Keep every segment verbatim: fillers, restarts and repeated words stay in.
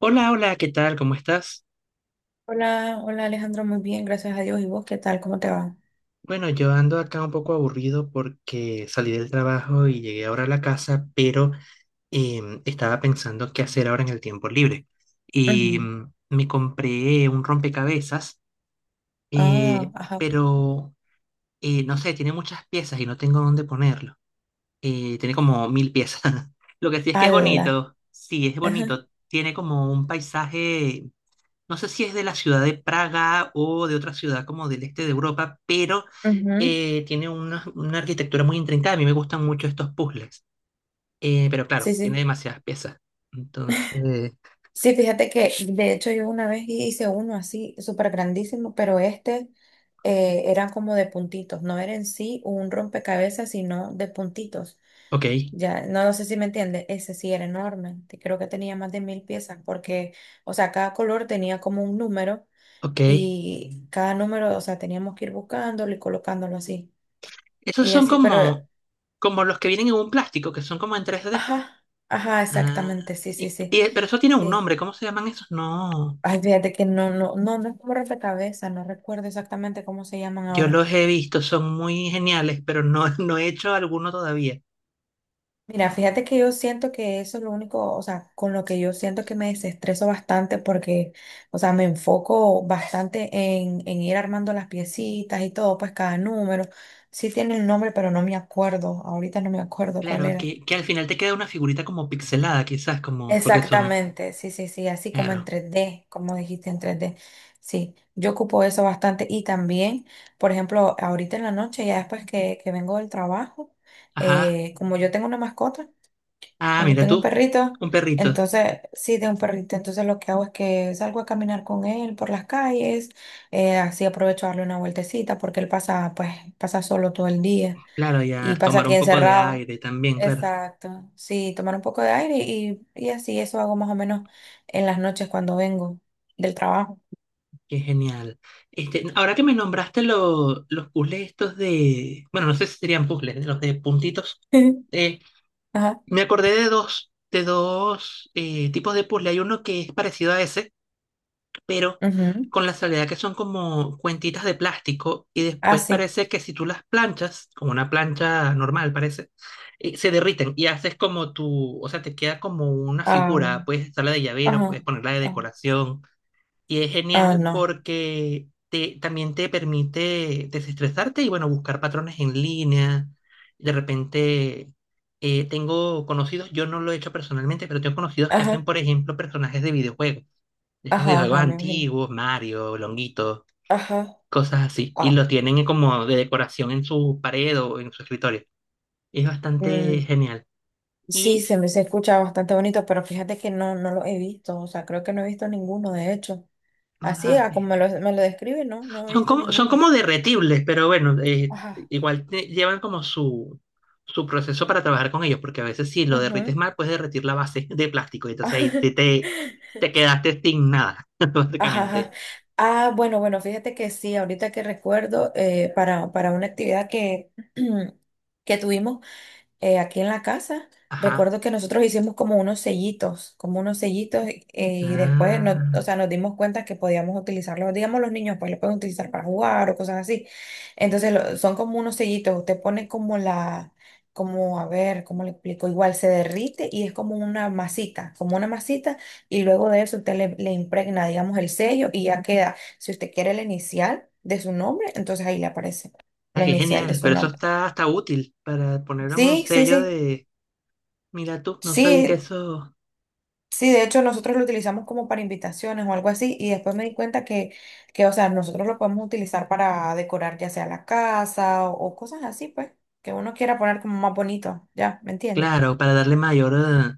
Hola, hola, ¿qué tal? ¿Cómo estás? Hola, hola Alejandro, muy bien, gracias a Dios. ¿Y vos qué tal? ¿Cómo te va? Bueno, yo ando acá un poco aburrido porque salí del trabajo y llegué ahora a la casa, pero em, estaba pensando qué hacer ahora en el tiempo libre. Y Ujú. mm, me compré un rompecabezas, Ah, eh, ajá. pero eh, no sé, tiene muchas piezas y no tengo dónde ponerlo. Eh, tiene como mil piezas. Lo que sí es que es Ala. bonito, sí, es Ajá. bonito. Tiene como un paisaje, no sé si es de la ciudad de Praga o de otra ciudad como del este de Europa, pero Ujú. eh, tiene una, una arquitectura muy intrincada. A mí me gustan mucho estos puzzles. Eh, pero claro, Sí, tiene sí. demasiadas piezas. Entonces, Sí, fíjate que de hecho yo una vez hice uno así, súper grandísimo, pero este eh, era como de puntitos, no era en sí un rompecabezas, sino de puntitos. ok, Ya, no no sé si me entiende. Ese sí era enorme, te- creo que tenía más de mil piezas, porque, o sea, cada color tenía como un número ok. y cada número, o sea, teníamos que ir buscándolo y colocándolo así. Esos Y son así, pero, eh, como, como los que vienen en un plástico, que son como en tres d. ajá, ajá, Ah, exactamente, sí, sí, y- sí, y- pero eso tiene un sí. nombre, ¿cómo se llaman esos? No, Ay, fíjate que no, no, no, no es como rompecabezas, no recuerdo exactamente cómo se llaman yo ahora. los he visto, son muy geniales, pero no, no he hecho alguno todavía. Mira, fíjate que yo siento que eso es lo único, o sea, con lo que yo siento que me desestreso bastante porque, o sea, me enfoco bastante en, en ir armando las piecitas y todo, pues cada número. Sí tiene el nombre, pero no me acuerdo, ahorita no me acuerdo Claro, cuál era. que, que al final te queda una figurita como pixelada, quizás, como, porque son, Exactamente, sí, sí, sí, así como en claro, tres D, como dijiste en tres D. Sí, yo ocupo eso bastante y también, por ejemplo, ahorita en la noche, ya después que, que vengo del trabajo, ajá, eh, como yo tengo una mascota, ah, un- mira tengo un tú, perrito, un perrito, entonces, sí, tengo un perrito, entonces lo que hago es que salgo a caminar con él por las calles, eh, así aprovecho a darle una vueltecita porque él pasa, pues, pasa solo todo el día. claro, y Y a pasa tomar aquí un poco de encerrado. aire también, claro, Exacto. Sí, tomar un poco de aire y, y así eso hago más o menos en las noches cuando vengo del trabajo. qué genial. Este, ahora que me nombraste lo- los puzzles estos de, bueno, no sé si serían puzzles, los de puntitos, eh, Ajá. me acordé de dos, de dos eh, tipos de puzzle, hay uno que es parecido a ese, pero Ujú. con la salvedad que son como cuentitas de plástico y Ah, después sí. parece que si tú las planchas, con una plancha normal parece, eh, se derriten y haces como tu, o sea, te queda como una Ah, figura, puedes usarla de llavero, ajá. puedes ponerla de Ah, decoración y es ah, genial no. porque te, también te permite desestresarte y bueno, buscar patrones en línea, de repente... eh, tengo conocidos, yo no lo he hecho personalmente, pero tengo conocidos que hacen, Ajá. por ejemplo, personajes de videojuegos, estos Ajá, videojuegos ajá, me imagino. antiguos, Mario, Longuito, Ajá. cosas así, y Ah. los tienen como de decoración en su pared o en su escritorio. Es bastante mm, genial. sí, Y se me se escucha bastante bonito, pero fíjate que no, no lo he visto. O sea, creo que no he visto ninguno, de hecho. no Así, las ah, como ves. me lo, me lo describe, no, no he Son visto como, son ninguno. como derretibles, pero bueno, eh, Ajá. igual te- llevan como su, su proceso para trabajar con ellos, porque a veces si lo derrites Ujú. mal, puedes derretir la base de plástico, y entonces ahí te, te, te quedaste sin nada, Ajá, ajá. básicamente. Ah, bueno, bueno, fíjate que sí, ahorita que recuerdo, eh, para, para una actividad que, que tuvimos, eh, aquí en la casa. Ajá. Recuerdo que nosotros hicimos como unos sellitos, como unos sellitos, eh, y después nos, o Ah, sea, nos dimos cuenta que podíamos utilizarlos. Digamos, los niños pues los pueden utilizar para jugar o cosas así. Entonces lo- son como unos sellitos. Usted pone como la, como, a ver, ¿cómo le explico? Igual se derrite y es como una masita, como una masita, y luego de eso usted le, le impregna, digamos, el sello y ya queda. Si usted quiere la inicial de su nombre, entonces ahí le aparece ah, la qué inicial de genial, su pero eso nombre. está hasta útil para poner un Sí, sí, sello sí. de. Mira tú, no sabía que Sí, eso, sí, de hecho nosotros lo utilizamos como para invitaciones o algo así y después me di cuenta que, que, o sea, nosotros lo podemos utilizar para decorar ya sea la casa o, o cosas así, pues, que uno quiera poner como más bonito, ¿ya? ¿Me entiendes? claro, para darle mayor, eh,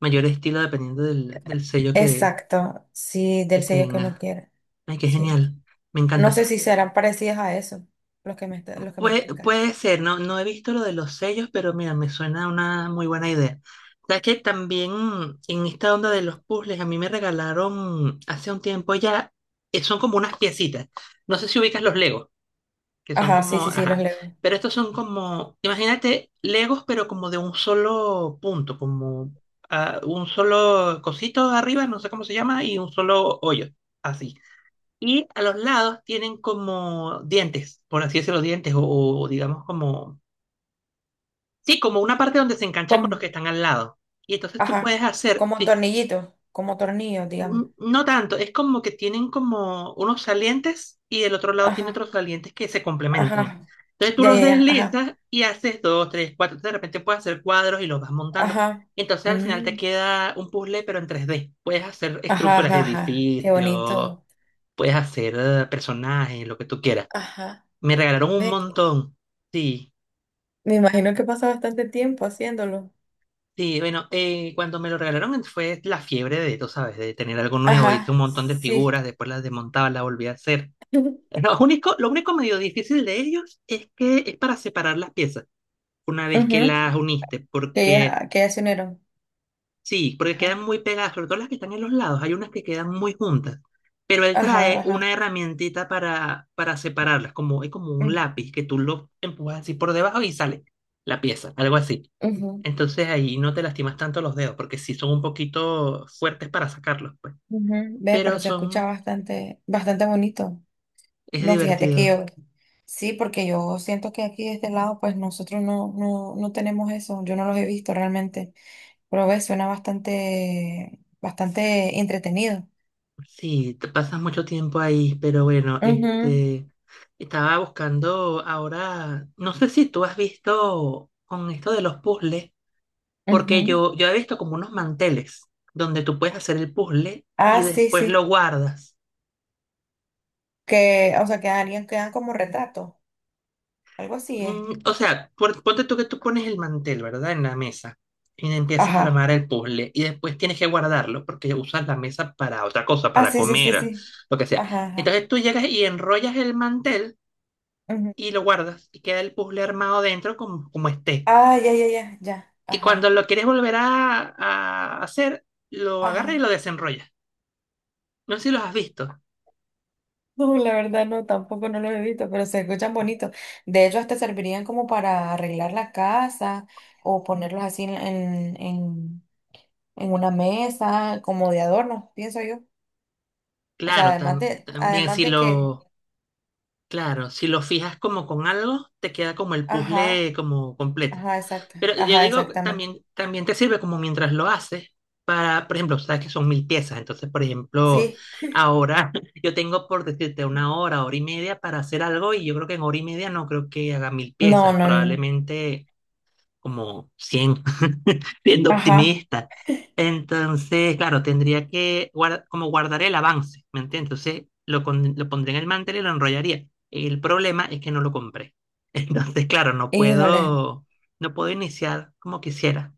mayor estilo dependiendo del, del sello que, Exacto, sí, que del sello que uno tenga. quiera, Ay, qué sí. genial, me No encanta. sé si serán parecidas a eso, los que me, está- los que me Puede, explicas. puede ser, no, no he visto lo de los sellos, pero mira, me suena una muy buena idea. Sabes que también en esta onda de los puzzles, a mí me regalaron hace un tiempo ya, eh, son como unas piecitas. No sé si ubicas los Legos, que son Ajá, sí, como, sí, sí, los ajá, leo. pero estos son como, imagínate, Legos, pero como de un solo punto, como ah, un solo cosito arriba, no sé cómo se llama, y un solo hoyo, así. Y a los lados tienen como dientes, por así decirlo, dientes, o, o digamos como, sí, como una parte donde se enganchan con Como, los que están al lado. Y entonces tú ajá, puedes hacer. como tornillitos, como tornillos, digamos. N- No tanto, es como que tienen como unos salientes y del otro lado tiene Ajá, otros salientes que se complementan. ajá, Entonces tú ya, los ya, ya, ajá, deslizas y haces dos, tres, cuatro. De repente puedes hacer cuadros y los vas montando. ajá. Entonces al final te Mm. queda un puzzle, pero en tres D. Puedes hacer Ajá, estructuras de ajá, ajá. Qué edificios, bonito. puedes hacer eh, personajes, lo que tú quieras. Ajá. Me regalaron un Ve que- montón. Sí, Me imagino que pasa bastante tiempo haciéndolo. sí, bueno, eh, cuando me lo regalaron fue la fiebre de, tú sabes, de tener algo nuevo. Hice Ajá, un montón de sí. figuras, después las desmontaba, las volví a hacer. Lo único, lo único medio difícil de ellos es que es para separar las piezas una vez que Ujú, las uniste, que porque ya, que ya se unieron. sí, porque Ajá, quedan muy pegadas, sobre todo las que están en los lados, hay unas que quedan muy juntas, pero él ajá, trae una ajá. herramientita para, para separarlas, como, es como un Mm, lápiz que tú lo empujas así por debajo y sale la pieza, algo así. ujú, Entonces ahí no te lastimas tanto los dedos, porque sí son un poquito fuertes para sacarlos, pues, ujú. Ve, pero pero se escucha son, bastante, bastante bonito. es No, fíjate que divertido. yo, sí, porque yo siento que aquí de este lado, pues nosotros no, no, no tenemos eso. Yo no los he visto realmente. Pero ve, suena bastante, bastante entretenido. Sí, te pasas mucho tiempo ahí, pero bueno, Ujú, este, estaba buscando ahora, no sé si tú has visto con esto de los puzzles, porque ujú. yo, yo he visto como unos manteles donde tú puedes hacer el puzzle y Ah, sí, después lo sí. guardas. Que, o sea, que alguien quedan como retrato. Algo así es. Mm, o sea, pon- ponte tú que tú pones el mantel, ¿verdad? En la mesa y empiezas a Ajá. armar el puzzle y después tienes que guardarlo porque usas la mesa para otra cosa, Ah, para sí, sí, sí, comer, sí. lo que sea. Ajá, ajá. Entonces tú llegas y enrollas el mantel, Ujú. y lo guardas y queda el puzzle armado dentro como, como esté. Ah, ya, ya, ya, ya. Y cuando Ajá. lo quieres volver a, a hacer, lo agarras y Ajá. lo desenrollas. No sé si los has visto. No, la verdad no, tampoco no lo he visto, pero se escuchan bonitos. De hecho, hasta servirían como para arreglar la casa o ponerlos así en, en, en, en una mesa, como de adorno, pienso yo. O sea, Claro, además tam- de, también además si de que, lo, claro, si lo fijas como con algo, te queda como el ajá, puzzle como completo. ajá, exacto, Pero yo ajá, digo, exactamente. también, también te sirve como mientras lo haces. Para, por ejemplo, sabes que son mil piezas, entonces, por ejemplo, Sí. ahora yo tengo por decirte una hora, hora y media para hacer algo y yo creo que en hora y media no creo que haga mil No, piezas, no, no. probablemente como cien, siendo Ajá, optimista. Entonces, claro, tendría que guar- como guardar el avance, ¿me entiendes? Entonces, lo, con- lo pondré en el mantel y lo enrollaría. El problema es que no lo compré. Entonces, claro, no híjole, puedo, no puedo iniciar como quisiera.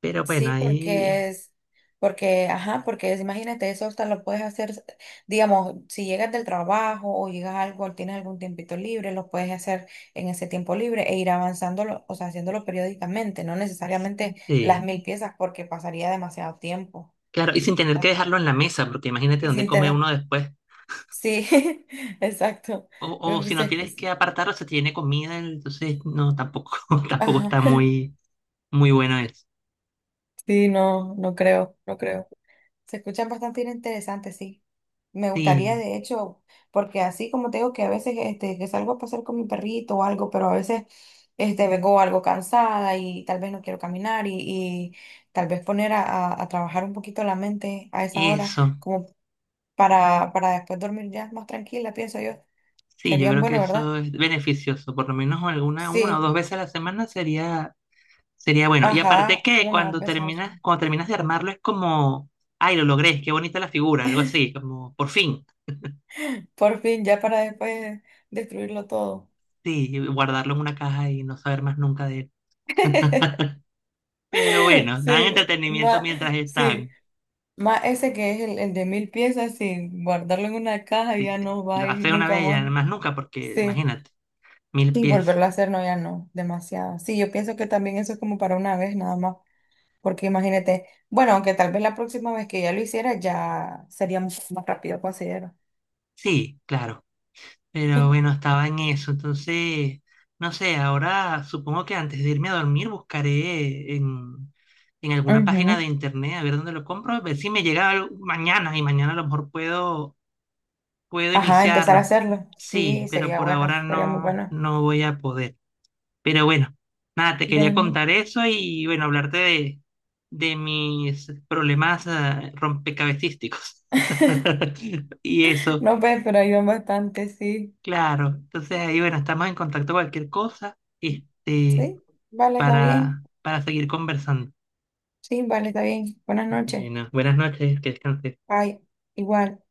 Pero bueno, sí, ahí porque es, porque, ajá, porque es- imagínate, eso hasta lo puedes hacer, digamos, si llegas del trabajo o llegas a algo, tienes algún tiempito libre, lo puedes hacer en ese tiempo libre e ir avanzándolo, o sea, haciéndolo periódicamente, no necesariamente las sí. mil piezas porque pasaría demasiado tiempo. Claro, y sin tener que Ah, dejarlo en la mesa, porque imagínate y dónde sin come tener, uno después. sí, exacto. O, o si no tienes se- que apartarlo, se tiene comida, entonces no, tampoco, tampoco Ajá, está muy, muy bueno eso. sí, no, no creo, no creo. Se escuchan bastante interesantes, sí. Me gustaría, Sí. de hecho, porque así como te digo que a veces este, que salgo a pasar con mi perrito o algo, pero a veces este, vengo algo cansada y tal vez no quiero caminar y, y tal vez poner a, a- a trabajar un poquito la mente a esa hora, Eso, como para, para después dormir ya más tranquila, pienso yo. sí, yo Serían creo que bueno, ¿verdad? eso es beneficioso, por lo menos alguna, una o dos Sí, veces a la semana sería, sería bueno. Y aparte ajá, que una o dos cuando veces al terminas, semana. cuando terminas de armarlo es como, ay, lo logré, qué bonita la figura, algo así, como por fin, Por fin, ya para después destruirlo todo. sí, guardarlo en una caja y no saber más nunca de él. Pero bueno, dan Sí, entretenimiento más, mientras sí. están. Más ese que es el, el de mil piezas, sí, guardarlo en una caja Si ya te- no va a lo ir haces una nunca vez y ya más. más nunca, porque Sí, imagínate, mil y piezas. volverlo a hacer no, ya no, demasiado. Sí, yo pienso que también eso es como para una vez nada más, porque imagínate, bueno, aunque tal vez la próxima vez que ya lo hiciera ya sería mucho más rápido, considero. Sí, claro. Pero bueno, estaba en eso. Entonces, no sé, ahora supongo que antes de irme a dormir buscaré en, en alguna página de Ujú. internet a ver dónde lo compro, a ver si me llega algo mañana y mañana a lo mejor puedo, puedo Ajá, empezar a iniciarlo. hacerlo. Sí, Sí, pero sería por bueno, ahora sería muy no, bueno. no voy a poder. Pero bueno, nada, te quería Bueno. contar eso y bueno, hablarte de, de mis problemas eh, rompecabecísticos. Y eso. No, pues, pero ayudan bastante, sí. Claro, entonces ahí bueno, estamos en contacto cualquier cosa, este, Sí, vale, está bien. para, para, seguir conversando. Sí, vale, está bien. Buenas noches. Bueno, buenas noches, que descanses. Ay, igual.